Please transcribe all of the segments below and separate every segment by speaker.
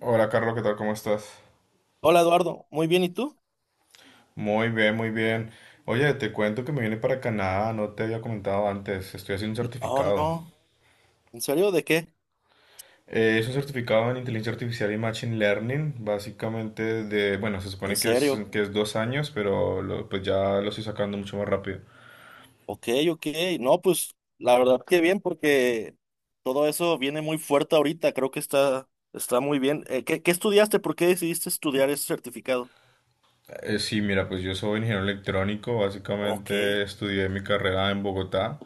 Speaker 1: Hola Carlos, ¿qué tal? ¿Cómo estás?
Speaker 2: Hola Eduardo, muy bien, ¿y tú?
Speaker 1: Muy bien, muy bien. Oye, te cuento que me vine para Canadá, no te había comentado antes, estoy haciendo un
Speaker 2: Oh,
Speaker 1: certificado.
Speaker 2: no, ¿en serio? ¿De qué?
Speaker 1: Es un certificado en inteligencia artificial y machine learning, básicamente bueno, se
Speaker 2: ¿En
Speaker 1: supone
Speaker 2: serio?
Speaker 1: que es dos años, pero pues ya lo estoy sacando mucho más rápido.
Speaker 2: Ok, ok, no, pues la verdad que bien porque todo eso viene muy fuerte ahorita, creo que está muy bien. ¿Qué estudiaste? ¿Por qué decidiste estudiar ese certificado?
Speaker 1: Sí, mira, pues yo soy ingeniero electrónico,
Speaker 2: Ok,
Speaker 1: básicamente estudié mi carrera en Bogotá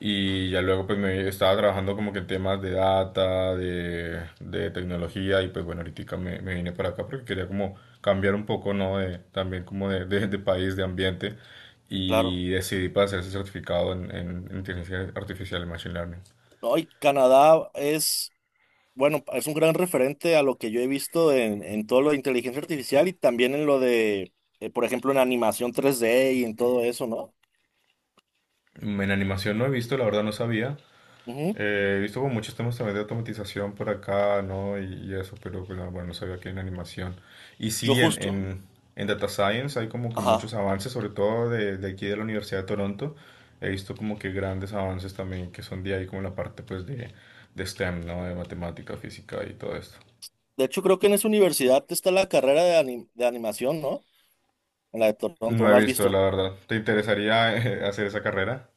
Speaker 1: y ya luego pues me estaba trabajando como que en temas de data, de tecnología y pues bueno, ahorita me vine para acá porque quería como cambiar un poco, ¿no? De, también como de país, de ambiente
Speaker 2: claro.
Speaker 1: y decidí para hacer ese certificado en inteligencia artificial y machine learning.
Speaker 2: No, y Canadá es, bueno, es un gran referente a lo que yo he visto en todo lo de inteligencia artificial y también en lo de, por ejemplo, en animación 3D y en todo eso, ¿no?
Speaker 1: En animación no he visto, la verdad no sabía.
Speaker 2: Ujú,
Speaker 1: He visto como muchos temas también de automatización por acá, ¿no? Y eso, pero pues, ah, bueno, no sabía que en animación. Y
Speaker 2: yo
Speaker 1: sí,
Speaker 2: justo.
Speaker 1: en Data Science hay como que
Speaker 2: Ajá.
Speaker 1: muchos avances, sobre todo de aquí de la Universidad de Toronto. He visto como que grandes avances también que son de ahí, como la parte pues de STEM, ¿no? De matemática, física y todo esto.
Speaker 2: De hecho, creo que en esa universidad está la carrera de, de animación, ¿no? En la de
Speaker 1: No
Speaker 2: Toronto,
Speaker 1: he
Speaker 2: ¿no has
Speaker 1: visto, la
Speaker 2: visto?
Speaker 1: verdad. ¿Te interesaría hacer esa carrera?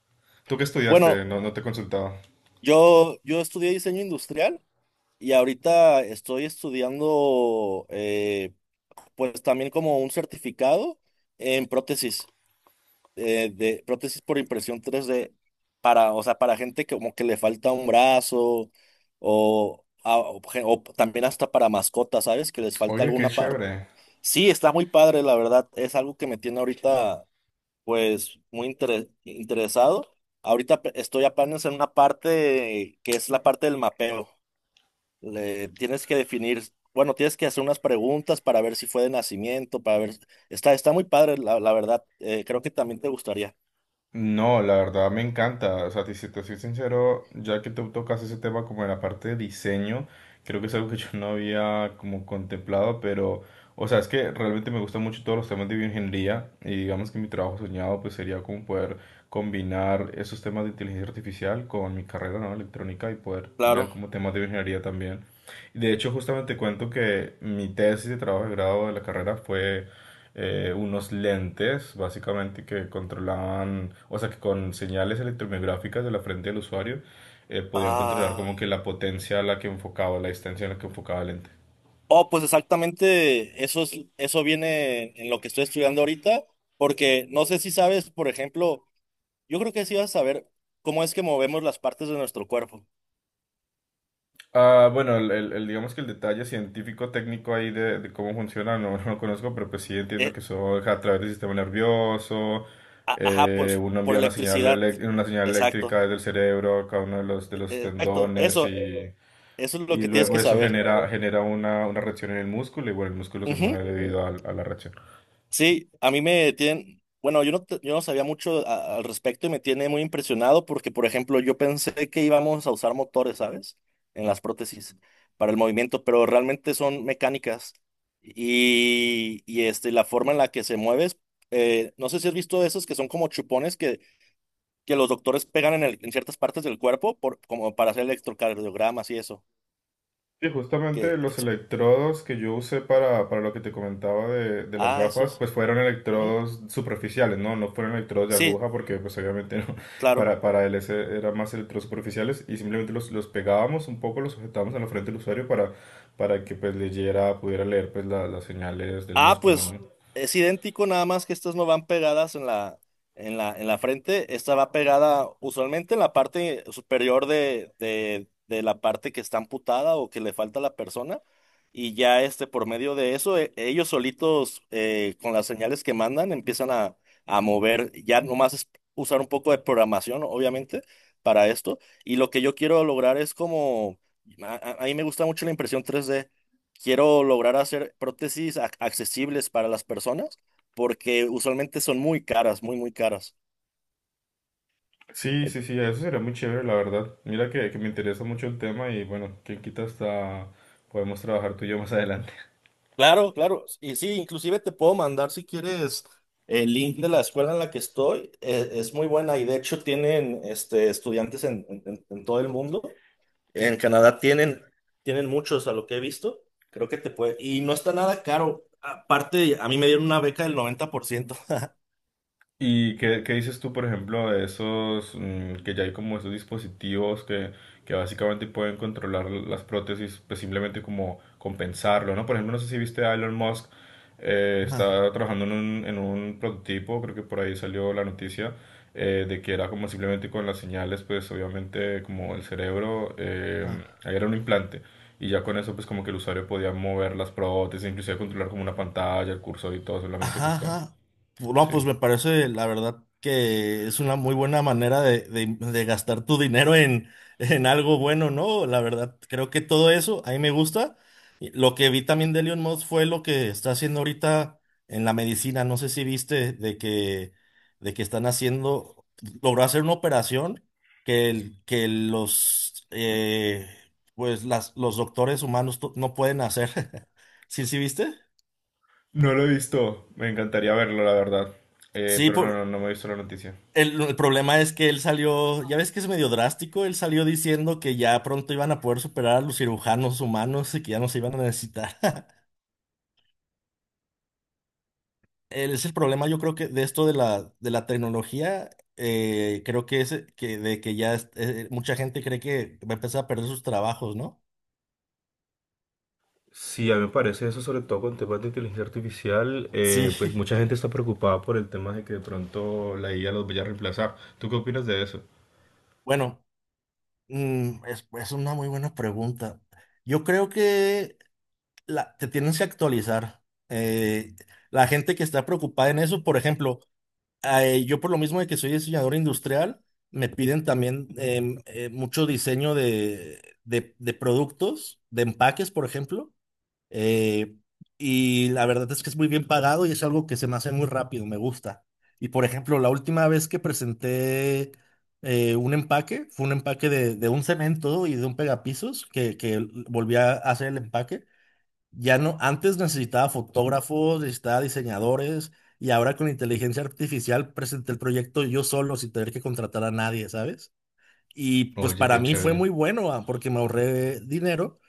Speaker 1: ¿Tú qué estudiaste?
Speaker 2: Bueno,
Speaker 1: No te he consultado.
Speaker 2: yo estudié diseño industrial y ahorita estoy estudiando, pues también como un certificado en prótesis, de prótesis por impresión 3D para, o sea, para gente que como que le falta un brazo o, a- o gen- o también hasta para mascotas, ¿sabes? Que les falta
Speaker 1: Oye, qué
Speaker 2: alguna parte.
Speaker 1: chévere.
Speaker 2: Sí, está muy padre, la verdad. Es algo que me tiene ahorita, pues muy interesado. Ahorita estoy apenas en una parte que es la parte del mapeo. Le tienes que definir, bueno, tienes que hacer unas preguntas para ver si fue de nacimiento, para ver. Está muy padre, la verdad. Creo que también te gustaría.
Speaker 1: No, la verdad me encanta. O sea, si te soy sincero, ya que tú tocas ese tema como en la parte de diseño, creo que es algo que yo no había como contemplado, pero, o sea, es que realmente me gustan mucho todos los temas de bioingeniería y digamos que mi trabajo soñado pues sería como poder combinar esos temas de inteligencia artificial con mi carrera, ¿no? Electrónica y poder ver
Speaker 2: Claro.
Speaker 1: como temas de bioingeniería también. De hecho, justamente cuento que mi tesis de trabajo de grado de la carrera fue unos lentes, básicamente, que controlaban, o sea, que con señales electromiográficas de la frente del usuario podían controlar
Speaker 2: Ah.
Speaker 1: como que la potencia a la que enfocaba, la distancia a la que enfocaba el lente.
Speaker 2: Oh, pues exactamente, eso es, eso viene en lo que estoy estudiando ahorita, porque no sé si sabes, por ejemplo, yo creo que sí vas a saber cómo es que movemos las partes de nuestro cuerpo.
Speaker 1: Ah, bueno, digamos que el detalle científico técnico ahí de cómo funciona no, no lo conozco, pero pues sí entiendo
Speaker 2: Eh,
Speaker 1: que eso es a través del sistema nervioso,
Speaker 2: ajá, pues
Speaker 1: uno
Speaker 2: por
Speaker 1: envía una señal,
Speaker 2: electricidad.
Speaker 1: una señal
Speaker 2: Exacto,
Speaker 1: eléctrica desde el cerebro a cada uno de
Speaker 2: e-
Speaker 1: los
Speaker 2: e- exacto. Eso,
Speaker 1: tendones
Speaker 2: eso es lo
Speaker 1: y
Speaker 2: que tienes
Speaker 1: luego
Speaker 2: que
Speaker 1: eso
Speaker 2: saber.
Speaker 1: genera una reacción en el músculo y bueno, el músculo se
Speaker 2: Ujú.
Speaker 1: mueve debido a la reacción.
Speaker 2: Sí, a mí me tienen, bueno, yo no, yo no sabía mucho al respecto y me tiene muy impresionado porque, por ejemplo, yo pensé que íbamos a usar motores, ¿sabes? En las prótesis para el movimiento, pero realmente son mecánicas. Y este, la forma en la que se mueves, no sé si has visto esos que son como chupones que los doctores pegan en ciertas partes del cuerpo por, como para hacer electrocardiogramas y eso.
Speaker 1: Sí, justamente
Speaker 2: Que, que
Speaker 1: los
Speaker 2: so-
Speaker 1: electrodos que yo usé para lo que te comentaba de las
Speaker 2: ah,
Speaker 1: gafas,
Speaker 2: esos.
Speaker 1: pues fueron
Speaker 2: Ujú.
Speaker 1: electrodos superficiales, ¿no? No fueron electrodos de
Speaker 2: Sí,
Speaker 1: aguja porque pues obviamente no,
Speaker 2: claro.
Speaker 1: para él ese eran más electrodos superficiales y simplemente los pegábamos un poco, los sujetábamos en la frente del usuario para que pues leyera, pudiera leer pues las señales del
Speaker 2: Ah,
Speaker 1: músculo,
Speaker 2: pues
Speaker 1: ¿no?
Speaker 2: es idéntico, nada más que estas no van pegadas en la frente. Esta va pegada usualmente en la parte superior de la parte que está amputada o que le falta a la persona. Y ya este, por medio de eso, ellos solitos, con las señales que mandan, empiezan a mover. Ya nomás es usar un poco de programación, obviamente, para esto. Y lo que yo quiero lograr es como, a mí me gusta mucho la impresión 3D. Quiero lograr hacer prótesis accesibles para las personas porque usualmente son muy caras, muy, muy caras.
Speaker 1: Sí,
Speaker 2: Eh,
Speaker 1: sí, sí, eso sería muy chévere, la verdad. Mira que me interesa mucho el tema y bueno, quién quita hasta podemos trabajar tú y yo más adelante.
Speaker 2: Claro, claro. Y sí, inclusive te puedo mandar si quieres el link de la escuela en la que estoy. Es muy buena y de hecho tienen este, estudiantes en todo el mundo. En Canadá tienen muchos a lo que he visto. Creo que te puede. Y no está nada caro. Aparte, a mí me dieron una beca del 90%.
Speaker 1: ¿Y qué, qué dices tú, por ejemplo, de esos, que ya hay como esos dispositivos que básicamente pueden controlar las prótesis, pues simplemente como compensarlo, ¿no? Por ejemplo, no sé si viste a Elon Musk, está trabajando en un prototipo, creo que por ahí salió la noticia, de que era como simplemente con las señales, pues obviamente como el cerebro, ahí era un implante. Y ya con eso, pues como que el usuario podía mover las prótesis, inclusive controlar como una pantalla, el cursor y todo, solamente pues
Speaker 2: Ajá,
Speaker 1: con...
Speaker 2: ajá. No,
Speaker 1: Sí.
Speaker 2: pues me parece, la verdad, que es una muy buena manera de gastar tu dinero en, en algo bueno, ¿no? La verdad, creo que todo eso, a mí me gusta. Y lo que vi también de Elon Musk fue lo que está haciendo ahorita en la medicina. No sé si viste de que están haciendo, logró hacer una operación que pues los doctores humanos no pueden hacer. ¿Sí, sí viste?
Speaker 1: No lo he visto, me encantaría verlo, la verdad.
Speaker 2: Sí.
Speaker 1: Pero no,
Speaker 2: por
Speaker 1: no, no me he visto la noticia.
Speaker 2: El, el problema es que él salió, ya ves que es medio drástico, él salió diciendo que ya pronto iban a poder superar a los cirujanos humanos y que ya no se iban a necesitar. Él es el problema, yo creo que de esto de la, tecnología, creo que es que de que ya mucha gente cree que va a empezar a perder sus trabajos, ¿no?
Speaker 1: Sí, a mí me parece eso, sobre todo con temas de inteligencia artificial,
Speaker 2: Sí,
Speaker 1: pues mucha gente está preocupada por el tema de que de pronto la IA los vaya a reemplazar. ¿Tú qué opinas de eso?
Speaker 2: bueno, es una muy buena pregunta. Yo creo que te tienes que actualizar. Eh, la gente que está preocupada en eso, por ejemplo, yo por lo mismo de que soy diseñador industrial, me piden también mucho diseño de productos, de empaques, por ejemplo. eh, y la verdad es que es muy bien pagado y es algo que se me hace muy rápido, me gusta. Y por ejemplo, la última vez que presenté un empaque, fue un empaque de un cemento y de un pegapisos que volví a hacer el empaque. Ya no, antes necesitaba fotógrafos, necesitaba diseñadores y ahora con inteligencia artificial presenté el proyecto yo solo sin tener que contratar a nadie, ¿sabes? Y pues
Speaker 1: Oye,
Speaker 2: para
Speaker 1: qué
Speaker 2: mí fue
Speaker 1: chévere.
Speaker 2: muy bueno, porque me ahorré dinero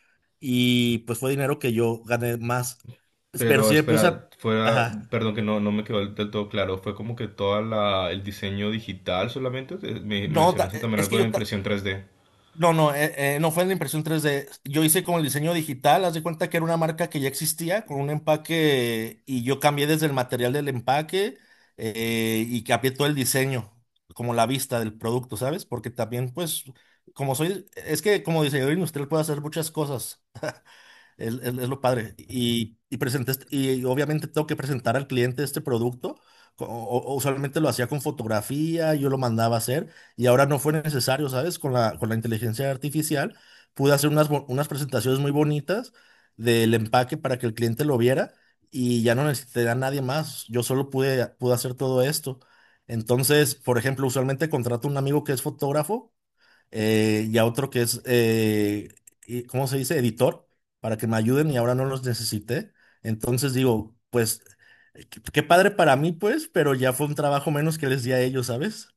Speaker 2: y pues fue dinero que yo gané más, pero
Speaker 1: Pero
Speaker 2: sí me puse
Speaker 1: espera,
Speaker 2: a...
Speaker 1: fuera,
Speaker 2: Ajá.
Speaker 1: perdón que no, no me quedó del todo claro, fue como que toda el diseño digital solamente. Me
Speaker 2: No,
Speaker 1: mencionaste también
Speaker 2: es que
Speaker 1: algo de impresión 3D.
Speaker 2: no, no, no fue en la impresión 3D. Yo hice con el diseño digital, haz de cuenta que era una marca que ya existía con un empaque y yo cambié desde el material del empaque, y cambié todo el diseño, como la vista del producto, ¿sabes? Porque también, pues, es que como diseñador industrial puedo hacer muchas cosas. Es lo padre. Presenté y obviamente tengo que presentar al cliente este producto. Co- o Usualmente lo hacía con fotografía, yo lo mandaba a hacer y ahora no fue necesario, ¿sabes? Con la inteligencia artificial pude hacer unas presentaciones muy bonitas del empaque para que el cliente lo viera y ya no necesité a nadie más. Yo solo pude hacer todo esto. Entonces, por ejemplo, usualmente contrato a un amigo que es fotógrafo, y a otro que es, ¿cómo se dice? Editor, para que me ayuden y ahora no los necesité. Entonces digo, pues, qué padre para mí, pues, pero ya fue un trabajo menos que les di a ellos, ¿sabes?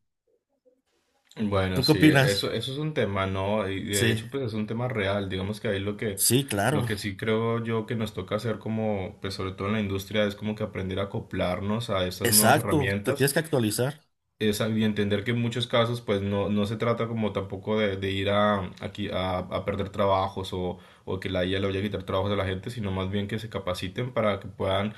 Speaker 1: Bueno,
Speaker 2: ¿Tú qué
Speaker 1: sí,
Speaker 2: opinas?
Speaker 1: eso es un tema, ¿no? Y de
Speaker 2: Sí,
Speaker 1: hecho, pues es un tema real. Digamos que ahí
Speaker 2: sí,
Speaker 1: lo
Speaker 2: claro.
Speaker 1: que sí creo yo que nos toca hacer como, pues sobre todo en la industria, es como que aprender a acoplarnos a estas nuevas
Speaker 2: Exacto, te
Speaker 1: herramientas
Speaker 2: tienes que actualizar.
Speaker 1: es, y entender que en muchos casos pues no, no se trata como tampoco de ir a perder trabajos o que la IA le vaya a quitar trabajos a la gente, sino más bien que se capaciten para que puedan,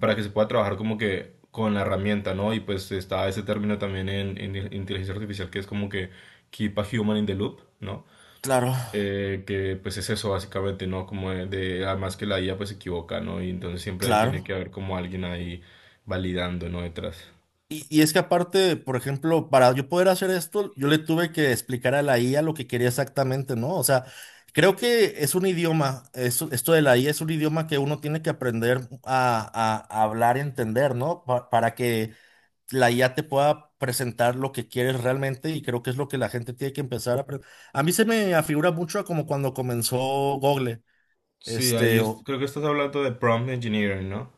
Speaker 1: para que se pueda trabajar como que con la herramienta, ¿no? Y pues está ese término también en inteligencia artificial que es como que keep a human in the loop, ¿no?
Speaker 2: Claro,
Speaker 1: Que pues es eso básicamente, ¿no? Como además que la IA pues se equivoca, ¿no? Y entonces siempre tiene
Speaker 2: claro.
Speaker 1: que haber como alguien ahí validando, ¿no? Detrás.
Speaker 2: Y es que aparte, por ejemplo, para yo poder hacer esto, yo le tuve que explicar a la IA lo que quería exactamente, ¿no? O sea, creo que es un idioma, esto de la IA es un idioma que uno tiene que aprender a hablar y entender, ¿no? Para que la IA te pueda presentar lo que quieres realmente y creo que es lo que la gente tiene que empezar a aprender. A mí se me afigura mucho a como cuando comenzó Google,
Speaker 1: Sí, ahí
Speaker 2: este, o
Speaker 1: creo que estás hablando de prompt engineering, ¿no?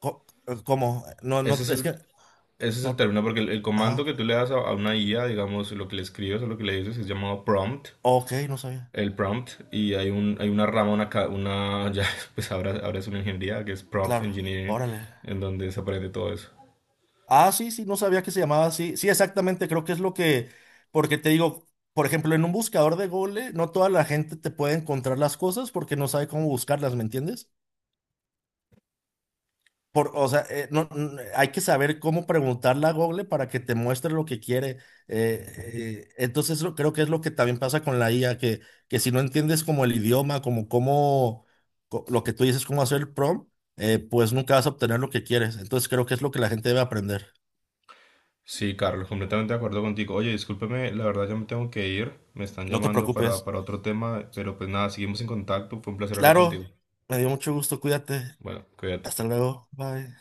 Speaker 2: co- como, no, no,
Speaker 1: Ese es
Speaker 2: es
Speaker 1: el,
Speaker 2: que,
Speaker 1: ese es el
Speaker 2: no,
Speaker 1: término, porque el
Speaker 2: ajá,
Speaker 1: comando que tú le das a una IA, digamos, lo que le escribes o lo que le dices es llamado prompt,
Speaker 2: ok, no sabía,
Speaker 1: el prompt, y hay un, hay una rama, una, una ya, pues ahora, ahora es una ingeniería que es prompt
Speaker 2: claro,
Speaker 1: engineering,
Speaker 2: órale.
Speaker 1: en donde se aprende todo eso.
Speaker 2: Ah, sí, sí, no sabía que se llamaba así. Sí, exactamente, creo que es lo que, porque te digo, por ejemplo, en un buscador de Google, no toda la gente te puede encontrar las cosas porque no sabe cómo buscarlas, ¿me entiendes? Por, o sea, no, hay que saber cómo preguntarle a Google para que te muestre lo que quiere. Entonces, creo que es lo que también pasa con la IA, que si no entiendes como el idioma, como lo que tú dices, cómo hacer el prompt, pues nunca vas a obtener lo que quieres. Entonces, creo que es lo que la gente debe aprender.
Speaker 1: Sí, Carlos, completamente de acuerdo contigo. Oye, discúlpeme, la verdad ya me tengo que ir, me están
Speaker 2: No te
Speaker 1: llamando
Speaker 2: preocupes.
Speaker 1: para otro tema, pero pues nada, seguimos en contacto, fue un placer hablar contigo.
Speaker 2: Claro, me dio mucho gusto, cuídate.
Speaker 1: Bueno, cuídate.
Speaker 2: Hasta luego, bye.